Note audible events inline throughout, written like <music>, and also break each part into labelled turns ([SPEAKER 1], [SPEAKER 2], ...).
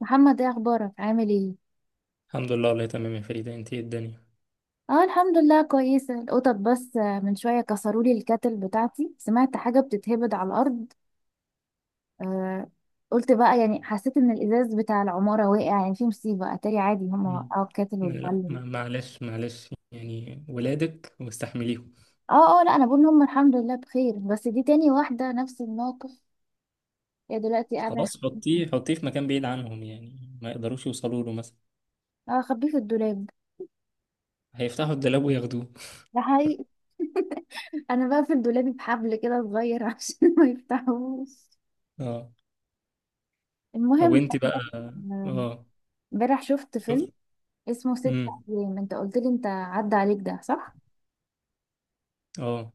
[SPEAKER 1] محمد، ايه اخبارك؟ عامل ايه؟
[SPEAKER 2] الحمد لله والله تمام يا فريدة، انت ايه الدنيا؟
[SPEAKER 1] اه الحمد لله، كويسه. القطط بس من شويه كسروا لي الكاتل بتاعتي. سمعت حاجه بتتهبد على الارض. آه. قلت بقى يعني حسيت ان الازاز بتاع العماره وقع، يعني في مصيبه. اتاري عادي، هم
[SPEAKER 2] مم.
[SPEAKER 1] وقعوا الكاتل
[SPEAKER 2] لا،
[SPEAKER 1] والبلد.
[SPEAKER 2] معلش معلش، يعني ولادك واستحمليهم.
[SPEAKER 1] اه اه، لا انا بقول ان هم الحمد لله بخير، بس دي تاني واحده نفس الموقف. هي دلوقتي قاعده.
[SPEAKER 2] خلاص، حطيه حطيه في مكان بعيد عنهم، يعني ما يقدروش يوصلوا له مثلا.
[SPEAKER 1] <laughs> اه، خبيه في الدولاب.
[SPEAKER 2] هيفتحوا الدولاب وياخدوه.
[SPEAKER 1] ده حقيقي. <laughs> انا بقى في الدولاب بحبل كده صغير عشان <laughs> ما يفتحوش.
[SPEAKER 2] اه. طب
[SPEAKER 1] المهم،
[SPEAKER 2] وانت بقى؟
[SPEAKER 1] آه،
[SPEAKER 2] اه.
[SPEAKER 1] امبارح شفت
[SPEAKER 2] شوف.
[SPEAKER 1] فيلم اسمه ست
[SPEAKER 2] امم.
[SPEAKER 1] أيام. انت قلت لي انت عدى عليك، ده صح؟
[SPEAKER 2] اه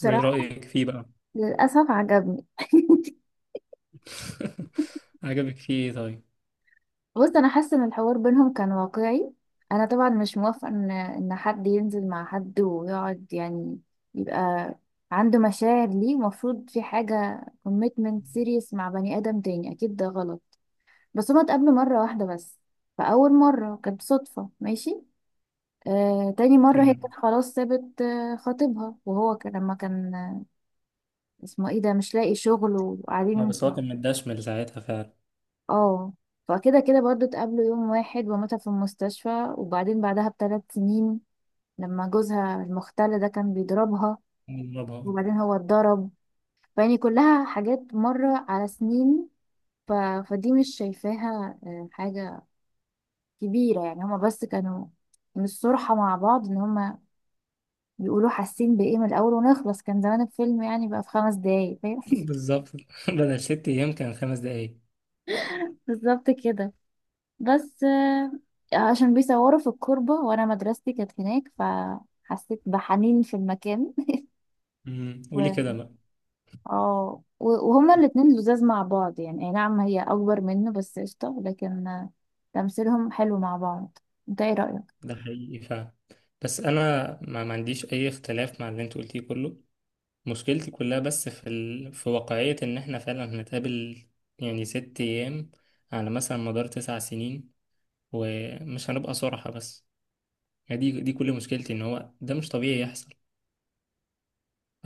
[SPEAKER 2] وايه رأيك فيه بقى؟
[SPEAKER 1] للأسف عجبني. <laughs>
[SPEAKER 2] <laughs> عجبك فيه ايه طيب؟
[SPEAKER 1] بص، أنا حاسة إن الحوار بينهم كان واقعي. أنا طبعا مش موافقة إن حد ينزل مع حد ويقعد، يعني يبقى عنده مشاعر ليه. المفروض في حاجة commitment serious مع بني آدم تاني، أكيد ده غلط. بس هما اتقابلوا مرة واحدة بس. فأول مرة كانت صدفة، ماشي. تاني مرة هي
[SPEAKER 2] امم.
[SPEAKER 1] كانت خلاص سابت خطيبها، وهو كان لما كان اسمه ايه ده مش لاقي شغل
[SPEAKER 2] اه،
[SPEAKER 1] وقاعدين.
[SPEAKER 2] بس هو كان متدشمل ساعتها فعلا.
[SPEAKER 1] اه. فكده كده برضو اتقابلوا يوم واحد، وماتها في المستشفى، وبعدين بعدها بثلاث سنين لما جوزها المختل ده كان بيضربها،
[SPEAKER 2] مرة بقى.
[SPEAKER 1] وبعدين هو اتضرب. فيعني كلها حاجات مرة على سنين. ف... فدي مش شايفاها حاجة كبيرة. يعني هما بس كانوا من الصرحة مع بعض، ان هما بيقولوا حاسين بإيه من الأول ونخلص. كان زمان الفيلم يعني بقى في 5 دقايق، فاهم؟
[SPEAKER 2] بالظبط <laughs> بدل ست ايام كان خمس دقايق.
[SPEAKER 1] <laughs> بالظبط كده. بس عشان بيصوروا في الكوربة وانا مدرستي كانت هناك، فحسيت بحنين في المكان.
[SPEAKER 2] قولي كده
[SPEAKER 1] و...
[SPEAKER 2] بقى.
[SPEAKER 1] اه وهما الاتنين لزاز مع بعض، يعني اي نعم هي اكبر منه بس قشطة. لكن تمثيلهم حلو مع بعض. انت ايه رأيك؟
[SPEAKER 2] ده حقيقي فعلا. بس انا ما عنديش اي اختلاف مع اللي انت قلتيه كله. مشكلتي كلها بس في ال... في واقعية ان احنا فعلا هنتقابل، يعني ست ايام على مثلا مدار تسع سنين، ومش هنبقى صراحة. بس يعني دي كل مشكلتي، ان هو ده مش طبيعي يحصل.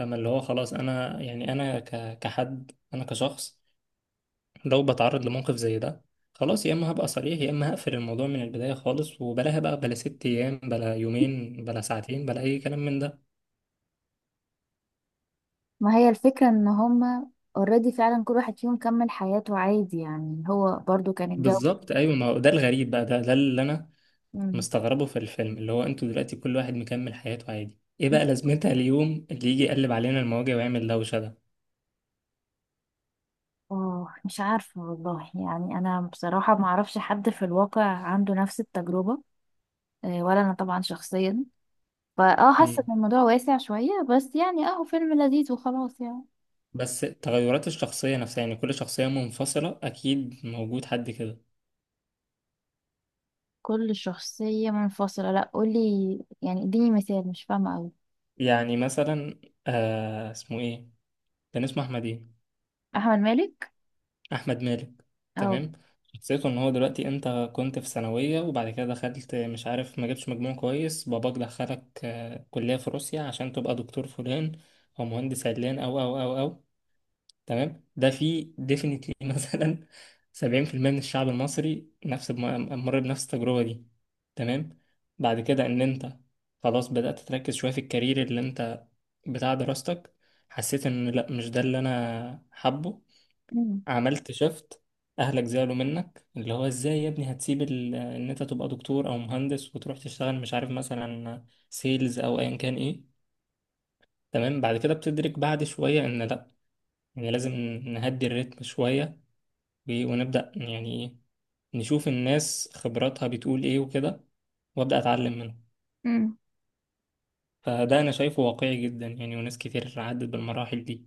[SPEAKER 2] اما اللي هو خلاص، انا يعني انا كحد، انا كشخص لو بتعرض لموقف زي ده، خلاص يا اما هبقى صريح يا اما هقفل الموضوع من البداية خالص، وبلاها بقى، بلا ست ايام بلا يومين بلا ساعتين بلا اي كلام من ده.
[SPEAKER 1] ما هي الفكرة ان هما اوريدي فعلا كل واحد فيهم كمل حياته عادي، يعني هو برضو كان الجو.
[SPEAKER 2] بالظبط ايوه. ما هو ده الغريب بقى، ده اللي انا
[SPEAKER 1] مم.
[SPEAKER 2] مستغربه في الفيلم، اللي هو انتوا دلوقتي كل واحد مكمل حياته عادي، ايه بقى لازمتها اليوم اللي يجي يقلب علينا المواجع ويعمل دوشه ده؟
[SPEAKER 1] اه، مش عارفة والله. يعني انا بصراحة ما اعرفش حد في الواقع عنده نفس التجربة، ولا انا طبعا شخصيا. فاه حاسه
[SPEAKER 2] مم.
[SPEAKER 1] ان الموضوع واسع شويه، بس يعني اهو فيلم لذيذ وخلاص يعني.
[SPEAKER 2] بس تغيرات الشخصيه نفسها، يعني كل شخصيه منفصله اكيد موجود حد كده.
[SPEAKER 1] كل شخصيه منفصله؟ لا قولي، يعني اديني مثال، مش فاهمه قوي.
[SPEAKER 2] يعني مثلا آه اسمه ايه، كان اسمه احمد ايه؟
[SPEAKER 1] احمد مالك.
[SPEAKER 2] احمد مالك.
[SPEAKER 1] اه.
[SPEAKER 2] تمام. شخصيته ان هو دلوقتي انت كنت في ثانويه، وبعد كده دخلت مش عارف ما جبتش مجموع كويس، باباك دخلك كليه في روسيا عشان تبقى دكتور فلان، او مهندس علان او او او او. تمام. ده في ديفينتلي <laughs> مثلا 70% من الشعب المصري نفس مر بنفس التجربه دي. تمام. بعد كده ان انت خلاص بدات تركز شويه في الكارير اللي انت بتاع دراستك، حسيت ان لا مش ده اللي انا حابه.
[SPEAKER 1] مم.
[SPEAKER 2] عملت شفت اهلك زعلوا منك، اللي هو ازاي يا ابني هتسيب ان انت تبقى دكتور او مهندس وتروح تشتغل مش عارف مثلا سيلز او ايا كان ايه. تمام. بعد كده بتدرك بعد شوية ان لا، يعني لازم نهدي الريتم شوية، ونبدأ يعني ايه، نشوف الناس خبراتها بتقول ايه وكده، وابدأ اتعلم منهم.
[SPEAKER 1] مم.
[SPEAKER 2] فده انا شايفه واقعي جدا، يعني وناس كتير عدت بالمراحل دي.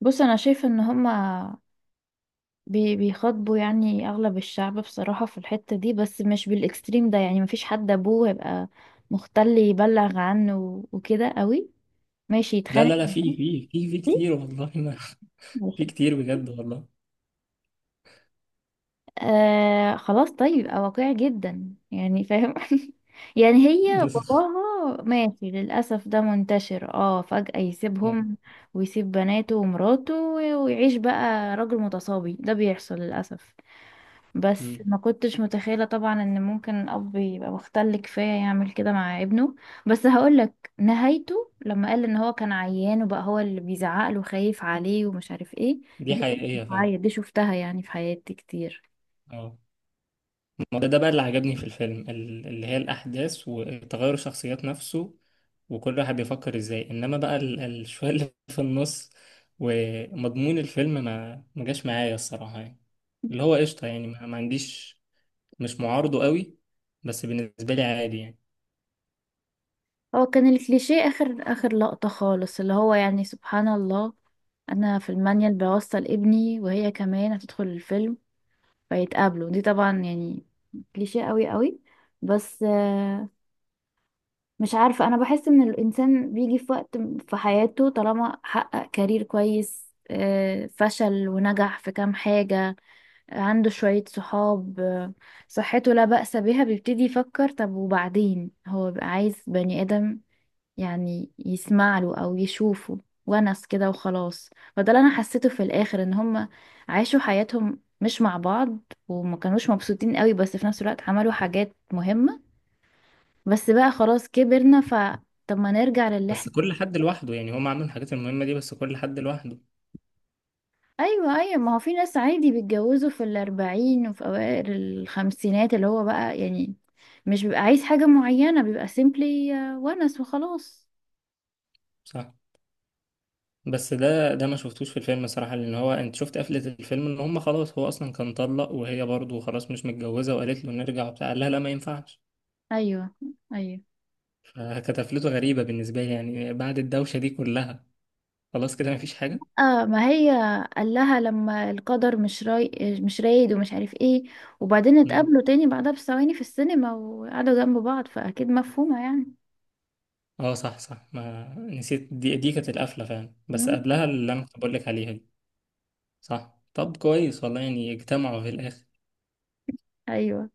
[SPEAKER 1] بص، انا شايفه ان هما بيخاطبوا يعني اغلب الشعب بصراحه في الحته دي، بس مش بالاكستريم ده. يعني مفيش حد ابوه هيبقى مختل يبلغ عنه وكده قوي، ماشي،
[SPEAKER 2] لا لا
[SPEAKER 1] يتخانق
[SPEAKER 2] لا، في
[SPEAKER 1] معاه.
[SPEAKER 2] في في في كتير والله <laughs> ما
[SPEAKER 1] ماشي.
[SPEAKER 2] في كتير بجد والله.
[SPEAKER 1] آه، خلاص طيب يبقى واقعي جدا يعني، فاهم. <laughs> يعني هي
[SPEAKER 2] <laughs>
[SPEAKER 1] باباها، ماشي للأسف ده منتشر، اه فجأة يسيبهم ويسيب بناته ومراته، ويعيش بقى راجل متصابي. ده بيحصل للأسف. بس
[SPEAKER 2] مم.
[SPEAKER 1] ما كنتش متخيلة طبعا ان ممكن الأب يبقى مختل كفاية يعمل كده مع ابنه. بس هقولك نهايته لما قال ان هو كان عيان، وبقى هو اللي بيزعق له خايف عليه ومش عارف ايه.
[SPEAKER 2] دي
[SPEAKER 1] دي كنت
[SPEAKER 2] حقيقية فعلا.
[SPEAKER 1] بعيط، دي شفتها يعني في حياتي كتير.
[SPEAKER 2] اه، ما ده بقى اللي عجبني في الفيلم، اللي هي الأحداث وتغير الشخصيات نفسه، وكل واحد بيفكر ازاي. انما بقى شوية اللي <laughs> في النص ومضمون الفيلم ما جاش معايا الصراحة يعني، اللي هو قشطة يعني، ما عنديش، مش معارضه قوي، بس بالنسبة لي عادي يعني.
[SPEAKER 1] هو كان الكليشيه اخر لقطة خالص، اللي هو يعني سبحان الله انا في المانيال بوصل ابني وهي كمان هتدخل الفيلم فيتقابلوا. دي طبعا يعني كليشيه قوي. بس مش عارفة، انا بحس ان الانسان بيجي في وقت في حياته طالما حقق كارير كويس، فشل ونجح في كام حاجة، عنده شوية صحاب، صحته لا بأس بها، بيبتدي يفكر طب وبعدين. هو بيبقى عايز بني آدم يعني يسمع له او يشوفه، ونس كده وخلاص. فده اللي انا حسيته في الاخر، ان هم عاشوا حياتهم مش مع بعض، وما كانوش مبسوطين قوي، بس في نفس الوقت عملوا حاجات مهمة. بس بقى خلاص كبرنا، ف طب ما نرجع للي
[SPEAKER 2] بس
[SPEAKER 1] احنا.
[SPEAKER 2] كل حد لوحده، يعني هم عاملين الحاجات المهمة دي بس كل حد لوحده.
[SPEAKER 1] ايوه ايوه، ما هو في ناس عادي بيتجوزوا في الاربعين وفي اوائل الخمسينات، اللي هو بقى يعني مش بيبقى عايز حاجة معينة، بيبقى سيمبلي ونس وخلاص.
[SPEAKER 2] صح. بس ده ما شفتوش في الفيلم صراحة، لأن هو أنت شفت قفلة الفيلم إن هم خلاص، هو أصلا كان طلق وهي برضه خلاص مش متجوزة، وقالت له نرجع وبتاع، قال لها لا ما ينفعش.
[SPEAKER 1] ايوه ايوه.
[SPEAKER 2] فكانت قفلته غريبة بالنسبة لي، يعني بعد الدوشة دي كلها، خلاص كده مفيش حاجة.
[SPEAKER 1] اه ما هي، قال لها لما القدر مش راي، مش رايد ومش عارف ايه. وبعدين
[SPEAKER 2] مم.
[SPEAKER 1] اتقابلوا تاني بعدها بثواني في السينما وقعدوا جنب بعض، فاكيد مفهومة يعني.
[SPEAKER 2] اه صح صح، ما نسيت دي كانت القفلة فعلا، بس
[SPEAKER 1] مم.
[SPEAKER 2] قبلها اللي أنا كنت بقول لك عليها دي. صح، طب كويس والله، يعني اجتمعوا في الآخر.
[SPEAKER 1] ايوه.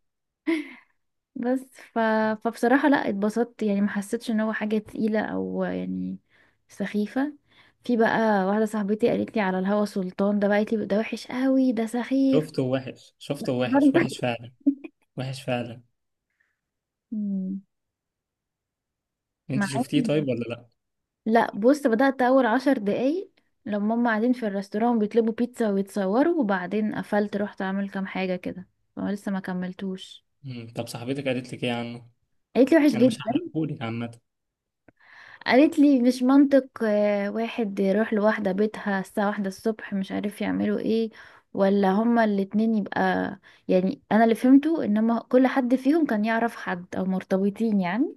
[SPEAKER 1] بس ف... فبصراحة لا، اتبسطت. يعني ما حسيتش ان هو حاجة تقيلة او يعني سخيفة. في بقى واحدة صاحبتي قالت لي على الهوى سلطان ده بقى، قالت لي ده وحش قوي، ده سخيف
[SPEAKER 2] شفته وحش، شفته وحش
[SPEAKER 1] برضه. <laughs>
[SPEAKER 2] وحش فعلا. وحش فعلا.
[SPEAKER 1] مم.
[SPEAKER 2] أنت
[SPEAKER 1] معاكي.
[SPEAKER 2] شفتيه طيب ولا لأ؟
[SPEAKER 1] لا بص، بدأت أول 10 دقايق لما هما قاعدين في الريستوران بيطلبوا بيتزا ويتصوروا، وبعدين قفلت رحت أعمل كام حاجة كده، فما لسه ما كملتوش.
[SPEAKER 2] مم. طب صاحبتك قالت لك إيه عنه؟
[SPEAKER 1] قالت لي وحش
[SPEAKER 2] انا مش
[SPEAKER 1] جدا.
[SPEAKER 2] هحرقهولك عامه.
[SPEAKER 1] قالت لي مش منطق واحد يروح لواحدة بيتها الساعة واحدة الصبح، مش عارف يعملوا ايه ولا هما الاتنين، يبقى يعني أنا اللي فهمته إن هما كل حد فيهم كان يعرف حد أو مرتبطين يعني.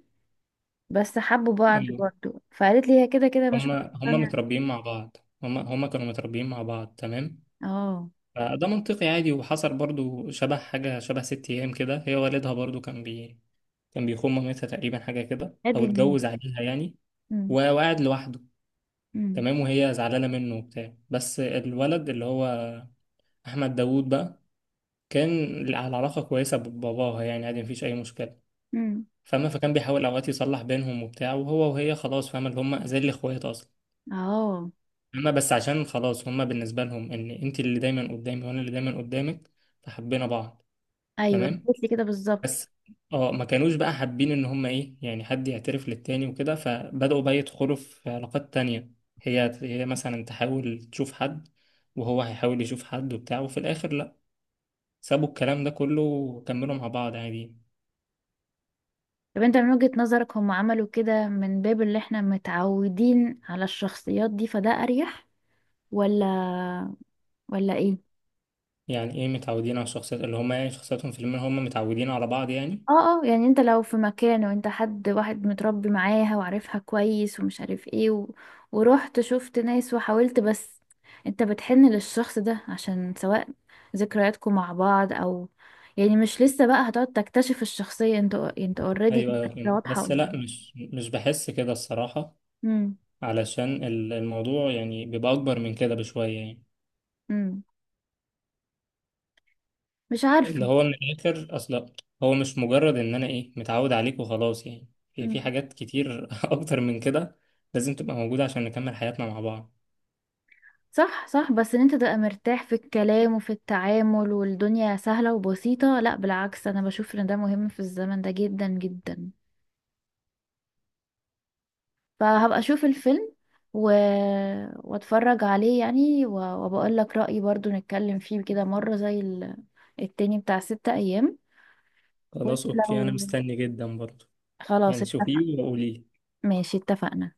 [SPEAKER 1] بس حبوا بعض
[SPEAKER 2] ايوه.
[SPEAKER 1] برضه، فقالت لي هي كده كده مش
[SPEAKER 2] هما هما
[SPEAKER 1] مقتنعة.
[SPEAKER 2] متربيين مع بعض، هما هما كانوا متربيين مع بعض تمام،
[SPEAKER 1] اه.
[SPEAKER 2] فده منطقي عادي. وحصل برضو شبه حاجه شبه ست ايام كده، هي والدها برضو كان بي كان بيخون مامتها تقريبا، حاجه كده او
[SPEAKER 1] هادي
[SPEAKER 2] اتجوز
[SPEAKER 1] النية.
[SPEAKER 2] عليها يعني،
[SPEAKER 1] مم.
[SPEAKER 2] وقعد لوحده.
[SPEAKER 1] مم.
[SPEAKER 2] تمام، وهي زعلانه منه وبتاع. بس الولد اللي هو احمد داوود بقى، كان على علاقه كويسه بباباها يعني عادي مفيش اي مشكله،
[SPEAKER 1] امم.
[SPEAKER 2] فاهمة؟ فكان بيحاول اوقات يصلح بينهم وبتاع، وهو وهي خلاص فاهمة اللي هم زي الاخوات اصلا.
[SPEAKER 1] اه.
[SPEAKER 2] اما بس عشان خلاص، هما بالنسبة لهم ان انت اللي دايما قدامي وانا اللي دايما قدامك، فحبينا بعض.
[SPEAKER 1] ايوه
[SPEAKER 2] تمام.
[SPEAKER 1] قلت لي كده بالظبط.
[SPEAKER 2] بس اه ما كانوش بقى حابين ان هما ايه، يعني حد يعترف للتاني وكده، فبدأوا بقى يدخلوا في علاقات تانية. هي هي مثلا تحاول تشوف حد، وهو هيحاول يشوف حد وبتاع، وفي الاخر لا، سابوا الكلام ده كله وكملوا مع بعض عادي.
[SPEAKER 1] طب انت من وجهة نظرك هم عملوا كده من باب اللي احنا متعودين على الشخصيات دي فده اريح، ولا، ولا ايه؟
[SPEAKER 2] يعني ايه متعودين على الشخصيات، اللي هما يعني شخصياتهم في الفيلم، هما متعودين على بعض يعني.
[SPEAKER 1] اه اه، يعني انت لو في مكان وانت حد واحد متربي معاها وعارفها كويس ومش عارف ايه، ورحت شفت ناس وحاولت، بس انت بتحن للشخص ده عشان سواء ذكرياتكم مع بعض او يعني مش لسه بقى هتقعد تكتشف الشخصية، انت اوريدي
[SPEAKER 2] ايوه ايوه فهمت.
[SPEAKER 1] واضحة
[SPEAKER 2] بس
[SPEAKER 1] قدامك.
[SPEAKER 2] لا، مش بحس كده الصراحة، علشان الموضوع يعني بيبقى أكبر من كده بشوية يعني.
[SPEAKER 1] مم. مش
[SPEAKER 2] اللي
[SPEAKER 1] عارفة.
[SPEAKER 2] هو من الآخر أصلا، هو مش مجرد إن أنا إيه متعود عليك وخلاص، يعني في
[SPEAKER 1] مم.
[SPEAKER 2] حاجات كتير <laughs> أكتر من كده لازم تبقى موجودة عشان نكمل حياتنا مع بعض.
[SPEAKER 1] صح صح، بس ان انت تبقى مرتاح في الكلام وفي التعامل والدنيا سهلة وبسيطة، لا بالعكس انا بشوف ان ده مهم في الزمن ده جدا جدا. فهبقى اشوف الفيلم و... واتفرج عليه يعني، وبقول لك رأيي. برضو نتكلم فيه كده مرة زي التاني بتاع ستة ايام. وانت
[SPEAKER 2] خلاص أوكي، أنا
[SPEAKER 1] لو
[SPEAKER 2] مستني جدا برضه.
[SPEAKER 1] خلاص
[SPEAKER 2] يعني
[SPEAKER 1] اتفق.
[SPEAKER 2] شوفيه وقولي.
[SPEAKER 1] ماشي، اتفقنا.